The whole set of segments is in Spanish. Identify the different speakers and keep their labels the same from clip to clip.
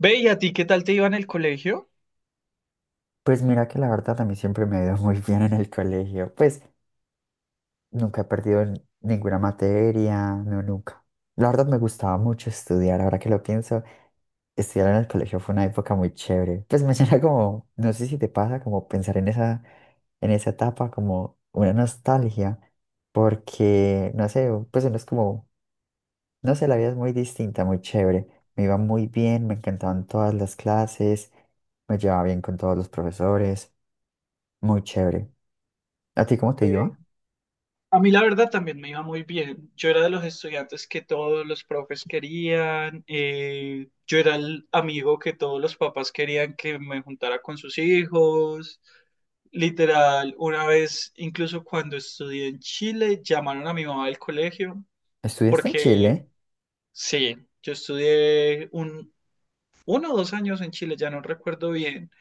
Speaker 1: Ve, ¿y a ti qué tal te iba en el colegio?
Speaker 2: Pues mira que la verdad a mí siempre me ha ido muy bien en el colegio. Pues nunca he perdido en ninguna materia, no, nunca. La verdad me gustaba mucho estudiar, ahora que lo pienso, estudiar en el colegio fue una época muy chévere. Pues me llena como, no sé si te pasa, como pensar en esa etapa, como una nostalgia, porque, no sé, pues uno es como, no sé, la vida es muy distinta, muy chévere. Me iba muy bien, me encantaban todas las clases, me llevaba bien con todos los profesores, muy chévere. ¿A ti cómo te
Speaker 1: Eh,
Speaker 2: iba?
Speaker 1: a mí la verdad también me iba muy bien. Yo era de los estudiantes que todos los profes querían. Yo era el amigo que todos los papás querían que me juntara con sus hijos. Literal, una vez, incluso cuando estudié en Chile, llamaron a mi mamá del colegio
Speaker 2: ¿Estudiaste en
Speaker 1: porque
Speaker 2: Chile?
Speaker 1: sí, yo estudié un, uno o dos años en Chile, ya no recuerdo bien.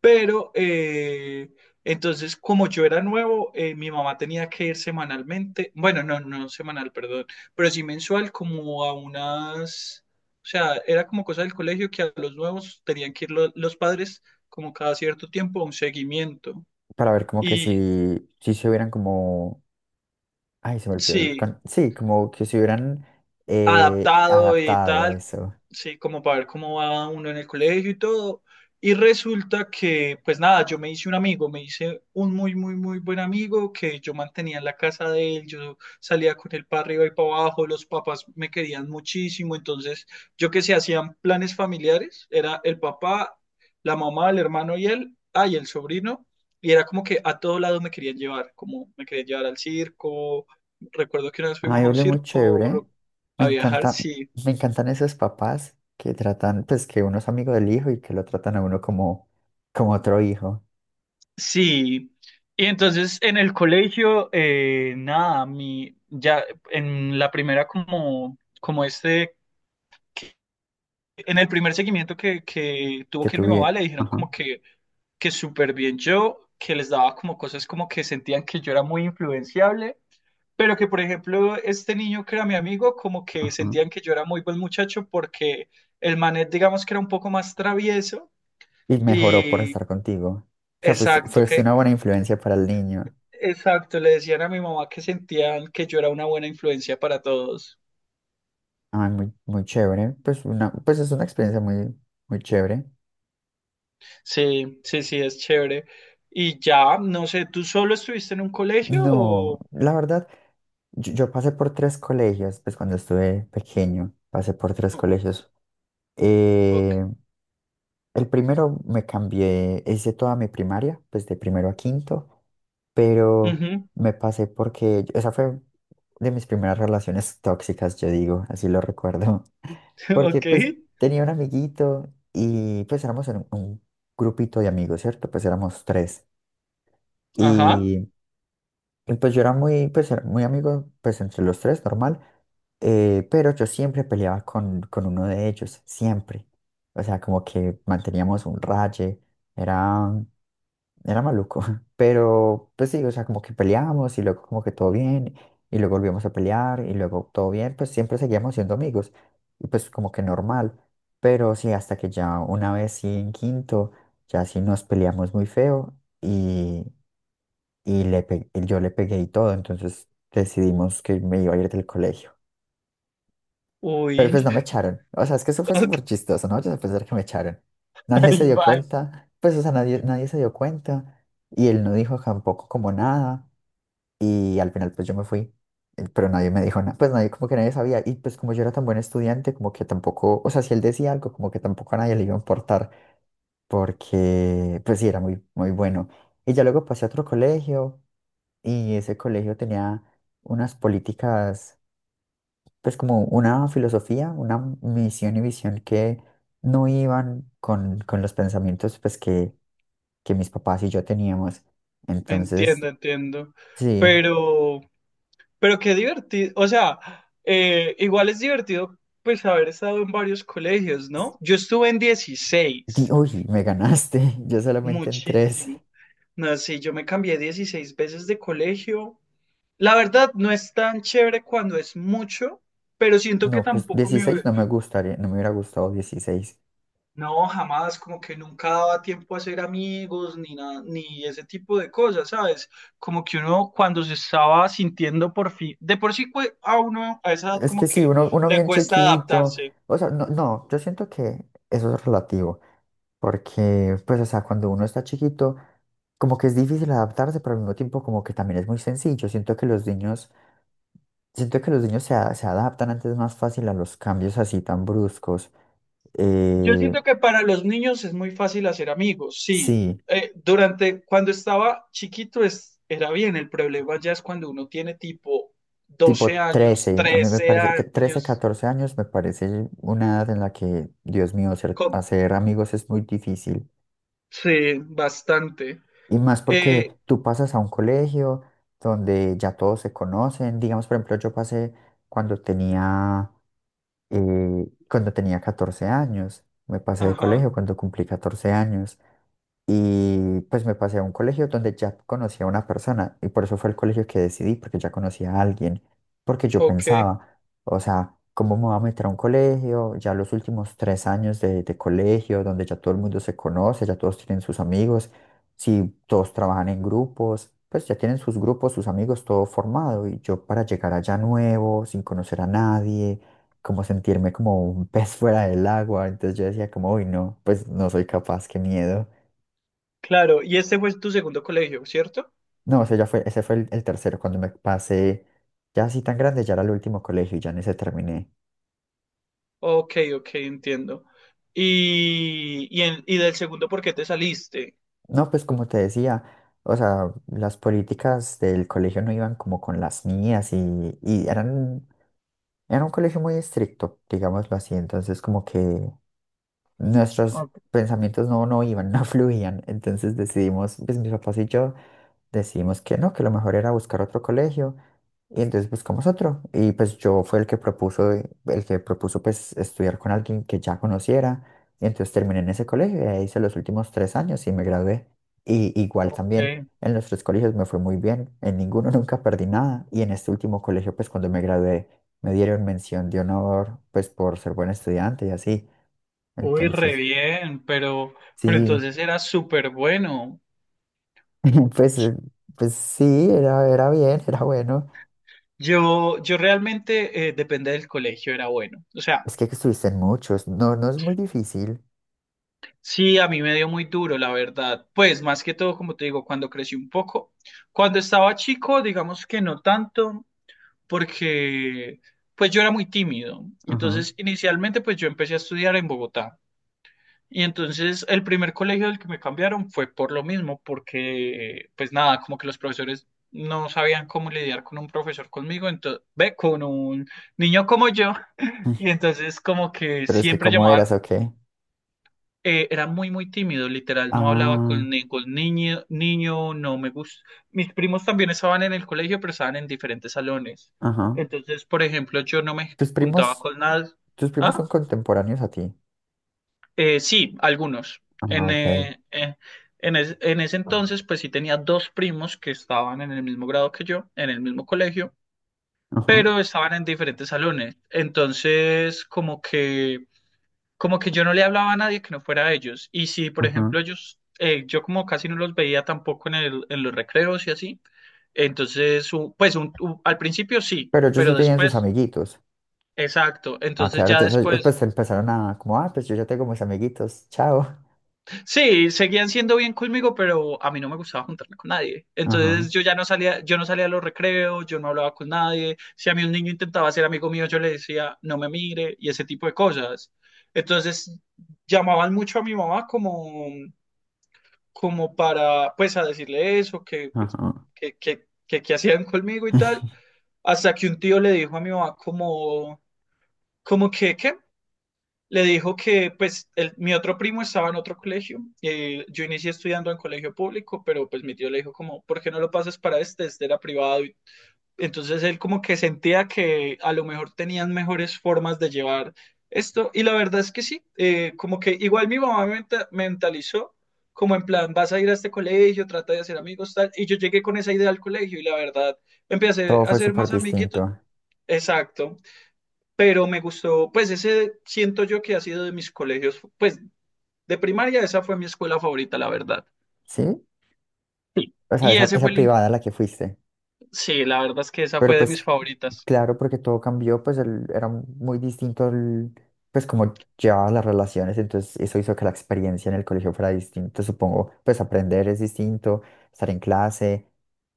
Speaker 1: Pero eh, entonces, como yo era nuevo, mi mamá tenía que ir semanalmente, bueno, no semanal, perdón, pero sí mensual, o sea, era como cosa del colegio que a los nuevos tenían que ir los padres como cada cierto tiempo a un seguimiento.
Speaker 2: Para ver como que
Speaker 1: Y
Speaker 2: si se hubieran como... Ay, se me olvidó.
Speaker 1: sí,
Speaker 2: Sí, como que se hubieran
Speaker 1: adaptado y
Speaker 2: adaptado
Speaker 1: tal,
Speaker 2: eso.
Speaker 1: sí, como para ver cómo va uno en el colegio y todo. Y resulta que, pues nada, yo me hice un amigo, me hice un muy, muy, muy buen amigo que yo mantenía en la casa de él, yo salía con él para arriba y para abajo, los papás me querían muchísimo, entonces yo que se hacían planes familiares, era el papá, la mamá, el hermano y él, ah, y el sobrino, y era como que a todo lado me querían llevar, como me querían llevar al circo, recuerdo que una vez
Speaker 2: Ay,
Speaker 1: fuimos a un
Speaker 2: hablé muy
Speaker 1: circo,
Speaker 2: chévere. Me
Speaker 1: a viajar,
Speaker 2: encanta,
Speaker 1: sí.
Speaker 2: Me encantan esos papás que tratan, pues que uno es amigo del hijo y que lo tratan a uno como otro hijo
Speaker 1: Sí. Y entonces en el colegio, nada, ya en la primera como, como este, en el primer seguimiento que tuvo
Speaker 2: que
Speaker 1: que ir mi mamá,
Speaker 2: tuve.
Speaker 1: le dijeron
Speaker 2: Ajá,
Speaker 1: como que súper bien yo, que les daba como cosas como que sentían que yo era muy influenciable, pero que por ejemplo este niño que era mi amigo, como que
Speaker 2: ajá.
Speaker 1: sentían que yo era muy buen muchacho porque el manet digamos que era un poco más travieso
Speaker 2: Y mejoró por
Speaker 1: y...
Speaker 2: estar contigo. O sea, fuiste,
Speaker 1: Exacto,
Speaker 2: fuiste
Speaker 1: que,
Speaker 2: una buena influencia para el niño.
Speaker 1: Exacto, le decían a mi mamá que sentían que yo era una buena influencia para todos.
Speaker 2: Ay, muy, muy chévere. Pues, pues es una experiencia muy, muy chévere.
Speaker 1: Sí, sí, sí, es chévere. Y ya, no sé, ¿tú solo estuviste en un colegio
Speaker 2: No,
Speaker 1: o...?
Speaker 2: la verdad, yo pasé por tres colegios, pues cuando estuve pequeño, pasé por tres
Speaker 1: o-
Speaker 2: colegios.
Speaker 1: Ok,
Speaker 2: Eh, el primero me cambié, hice toda mi primaria, pues de primero a quinto, pero
Speaker 1: ujú,
Speaker 2: me pasé porque esa fue de mis primeras relaciones tóxicas, yo digo, así lo recuerdo. Porque
Speaker 1: ok,
Speaker 2: pues tenía un amiguito y pues éramos en un grupito de amigos, ¿cierto? Pues éramos tres.
Speaker 1: ajá,
Speaker 2: Y, y pues yo era muy, pues era muy amigo, pues entre los tres, normal. Pero yo siempre peleaba con uno de ellos, siempre. O sea, como que manteníamos un raye, era, era maluco. Pero pues sí, o sea, como que peleábamos y luego como que todo bien, y luego volvíamos a pelear y luego todo bien, pues siempre seguíamos siendo amigos. Y pues como que normal. Pero sí, hasta que ya una vez sí en quinto, ya sí nos peleamos muy feo y yo le pegué y todo, entonces decidimos que me iba a ir del colegio. Pero pues
Speaker 1: uy,
Speaker 2: no me echaron, o sea, es que eso fue
Speaker 1: ok,
Speaker 2: súper chistoso, ¿no? Yo a pensar que me echaron. Nadie se dio
Speaker 1: bye.
Speaker 2: cuenta, pues, o sea, nadie se dio cuenta y él no dijo tampoco como nada y al final pues yo me fui, pero nadie me dijo nada, pues nadie como que nadie sabía y pues como yo era tan buen estudiante, como que tampoco, o sea, si él decía algo, como que tampoco a nadie le iba a importar porque pues sí, era muy, muy bueno. Y ya luego pasé a otro colegio. Y ese colegio tenía unas políticas, pues como una filosofía, una misión y visión que no iban con los pensamientos pues que mis papás y yo teníamos. Entonces,
Speaker 1: Entiendo, entiendo.
Speaker 2: sí,
Speaker 1: Pero, pero qué divertido, o sea, igual es divertido pues haber estado en varios colegios, ¿no? Yo estuve en 16,
Speaker 2: uy, me ganaste, yo solamente en tres.
Speaker 1: muchísimo. No, sí, yo me cambié 16 veces de colegio. La verdad, no es tan chévere cuando es mucho, pero siento que
Speaker 2: No, pues
Speaker 1: tampoco
Speaker 2: 16
Speaker 1: me...
Speaker 2: no me gustaría, no me hubiera gustado 16.
Speaker 1: No, jamás, como que nunca daba tiempo a hacer amigos ni nada, ni ese tipo de cosas, ¿sabes? Como que uno cuando se estaba sintiendo por fin, de por sí a uno a esa edad
Speaker 2: Es que
Speaker 1: como
Speaker 2: sí,
Speaker 1: que
Speaker 2: uno
Speaker 1: le
Speaker 2: bien
Speaker 1: cuesta
Speaker 2: chiquito,
Speaker 1: adaptarse.
Speaker 2: o sea, no, no, yo siento que eso es relativo, porque pues, o sea, cuando uno está chiquito, como que es difícil adaptarse, pero al mismo tiempo como que también es muy sencillo. Siento que los niños se adaptan antes más fácil a los cambios así tan bruscos.
Speaker 1: Yo
Speaker 2: Eh,
Speaker 1: siento que para los niños es muy fácil hacer amigos, sí.
Speaker 2: sí,
Speaker 1: Durante cuando estaba chiquito era bien, el problema ya es cuando uno tiene tipo
Speaker 2: tipo
Speaker 1: 12 años,
Speaker 2: 13 a mí me
Speaker 1: trece
Speaker 2: parece, 13,
Speaker 1: años,
Speaker 2: 14 años me parece una edad en la que, Dios mío,
Speaker 1: con-
Speaker 2: hacer amigos es muy difícil.
Speaker 1: sí, bastante.
Speaker 2: Y más porque
Speaker 1: Eh,
Speaker 2: tú pasas a un colegio donde ya todos se conocen. Digamos, por ejemplo, yo pasé cuando tenía... Y cuando tenía 14 años, me pasé de
Speaker 1: ajá,
Speaker 2: colegio cuando cumplí 14 años. Y pues me pasé a un colegio donde ya conocía a una persona y por eso fue el colegio que decidí, porque ya conocía a alguien, porque yo
Speaker 1: ok,
Speaker 2: pensaba, o sea, ¿cómo me voy a meter a un colegio? Ya los últimos 3 años de colegio, donde ya todo el mundo se conoce, ya todos tienen sus amigos, si todos trabajan en grupos, pues ya tienen sus grupos, sus amigos, todo formado y yo para llegar allá nuevo, sin conocer a nadie. Como sentirme como un pez fuera del agua, entonces yo decía como, uy, no, pues no soy capaz, qué miedo.
Speaker 1: claro. Y este fue tu segundo colegio, ¿cierto?
Speaker 2: No, ese fue el tercero, cuando me pasé ya así tan grande, ya era el último colegio, ya en ese terminé.
Speaker 1: Ok, ok, entiendo. Y del segundo, ¿por qué te saliste?
Speaker 2: No, pues como te decía, o sea, las políticas del colegio no iban como con las mías y era un colegio muy estricto, digámoslo así, entonces como que nuestros
Speaker 1: Ok.
Speaker 2: pensamientos no iban, no fluían, entonces decidimos, pues mis papás y yo decidimos que no, que lo mejor era buscar otro colegio. Y entonces buscamos otro. Y pues yo fue el que propuso pues estudiar con alguien que ya conociera. Y entonces terminé en ese colegio, y ahí hice los últimos 3 años y me gradué. Y igual
Speaker 1: Ok,
Speaker 2: también en los tres colegios me fue muy bien. En ninguno nunca perdí nada. Y en este último colegio, pues cuando me gradué, me dieron mención de honor, pues por ser buen estudiante y así.
Speaker 1: uy, re
Speaker 2: Entonces,
Speaker 1: bien, pero
Speaker 2: sí,
Speaker 1: entonces era súper bueno.
Speaker 2: pues, eh, pues sí, era bien, era bueno.
Speaker 1: Yo realmente, depende del colegio, era bueno. O sea,
Speaker 2: Es que estuviste en muchos. No, no es muy difícil.
Speaker 1: sí, a mí me dio muy duro, la verdad. Pues más que todo, como te digo, cuando crecí un poco. Cuando estaba chico, digamos que no tanto, porque pues yo era muy tímido.
Speaker 2: Ajá.
Speaker 1: Entonces, inicialmente, pues yo empecé a estudiar en Bogotá. Y entonces el primer colegio del que me cambiaron fue por lo mismo, porque pues nada, como que los profesores no sabían cómo lidiar con un profesor conmigo, entonces, ve, con un niño como yo. Y entonces como que
Speaker 2: Pero es que
Speaker 1: siempre
Speaker 2: cómo
Speaker 1: llamaban,
Speaker 2: eras, ¿o qué?
Speaker 1: era muy, muy tímido, literal, no hablaba
Speaker 2: Ah,
Speaker 1: con ningún niño, no me gusta. Mis primos también estaban en el colegio, pero estaban en diferentes salones.
Speaker 2: ajá.
Speaker 1: Entonces, por ejemplo, yo no me
Speaker 2: Tus
Speaker 1: juntaba
Speaker 2: primos,
Speaker 1: con nada.
Speaker 2: Tus primos son
Speaker 1: ¿Ah?
Speaker 2: contemporáneos a ti.
Speaker 1: Sí, algunos.
Speaker 2: Ah,
Speaker 1: En,
Speaker 2: ok.
Speaker 1: eh, eh, en ese entonces, pues sí tenía dos primos que estaban en el mismo grado que yo, en el mismo colegio,
Speaker 2: Ajá,
Speaker 1: pero estaban en diferentes salones. Entonces, como que yo no le hablaba a nadie que no fuera a ellos. Y si, por
Speaker 2: ajá.
Speaker 1: ejemplo, ellos, yo como casi no los veía tampoco en los recreos y así. Entonces, al principio sí,
Speaker 2: Pero ellos sí
Speaker 1: pero
Speaker 2: tenían sus
Speaker 1: después,
Speaker 2: amiguitos.
Speaker 1: exacto.
Speaker 2: Ah,
Speaker 1: Entonces
Speaker 2: claro,
Speaker 1: ya
Speaker 2: entonces
Speaker 1: después
Speaker 2: después empezaron a, como, pues yo ya tengo mis amiguitos, chao.
Speaker 1: sí, seguían siendo bien conmigo, pero a mí no me gustaba juntarme con nadie. Entonces
Speaker 2: Ajá,
Speaker 1: yo ya no salía, yo no salía a los recreos, yo no hablaba con nadie. Si a mí un niño intentaba ser amigo mío, yo le decía, no me mire y ese tipo de cosas. Entonces llamaban mucho a mi mamá como, como para, pues, a decirle eso, que, pues,
Speaker 2: ajá.
Speaker 1: que hacían conmigo y tal. Hasta que un tío le dijo a mi mamá como, como que, ¿qué? Le dijo que pues mi otro primo estaba en otro colegio, yo inicié estudiando en colegio público, pero pues mi tío le dijo como, ¿por qué no lo pasas para este? Este era privado. Entonces él como que sentía que a lo mejor tenían mejores formas de llevar esto, y la verdad es que sí, como que igual mi mamá me mentalizó, como en plan, vas a ir a este colegio, trata de hacer amigos, tal, y yo llegué con esa idea al colegio, y la verdad, empecé
Speaker 2: Todo
Speaker 1: a
Speaker 2: fue
Speaker 1: hacer
Speaker 2: súper
Speaker 1: más amiguitos.
Speaker 2: distinto.
Speaker 1: Exacto. Pero me gustó, pues ese siento yo que ha sido de mis colegios, pues de primaria esa fue mi escuela favorita, la verdad.
Speaker 2: ¿Sí?
Speaker 1: Sí.
Speaker 2: O sea,
Speaker 1: Y
Speaker 2: esa,
Speaker 1: ese fue
Speaker 2: esa privada a la que fuiste.
Speaker 1: sí, la verdad es que esa
Speaker 2: Pero
Speaker 1: fue de mis
Speaker 2: pues
Speaker 1: favoritas.
Speaker 2: claro, porque todo cambió, pues era muy distinto, pues como llevaba las relaciones, entonces eso hizo que la experiencia en el colegio fuera distinta, supongo, pues aprender es distinto, estar en clase,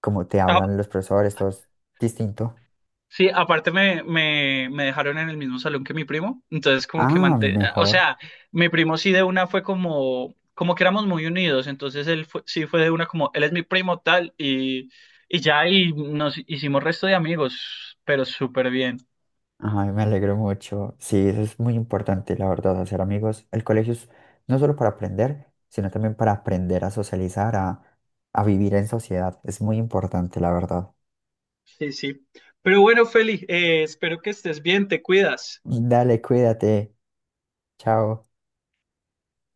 Speaker 2: como te
Speaker 1: Ah,
Speaker 2: hablan los profesores, todo es distinto.
Speaker 1: sí, aparte me dejaron en el mismo salón que mi primo, entonces como que
Speaker 2: Ah,
Speaker 1: manté... O
Speaker 2: mejor.
Speaker 1: sea, mi primo sí de una fue como... Como que éramos muy unidos, entonces sí fue de una como... Él es mi primo tal y ya y nos hicimos resto de amigos, pero súper bien.
Speaker 2: Ay, me alegro mucho. Sí, eso es muy importante, la verdad, hacer amigos. El colegio es no solo para aprender, sino también para aprender a socializar, a vivir en sociedad. Es muy importante, la verdad.
Speaker 1: Sí, sí. Pero bueno, Feli, espero que estés bien, te cuidas.
Speaker 2: Dale, cuídate. Chao.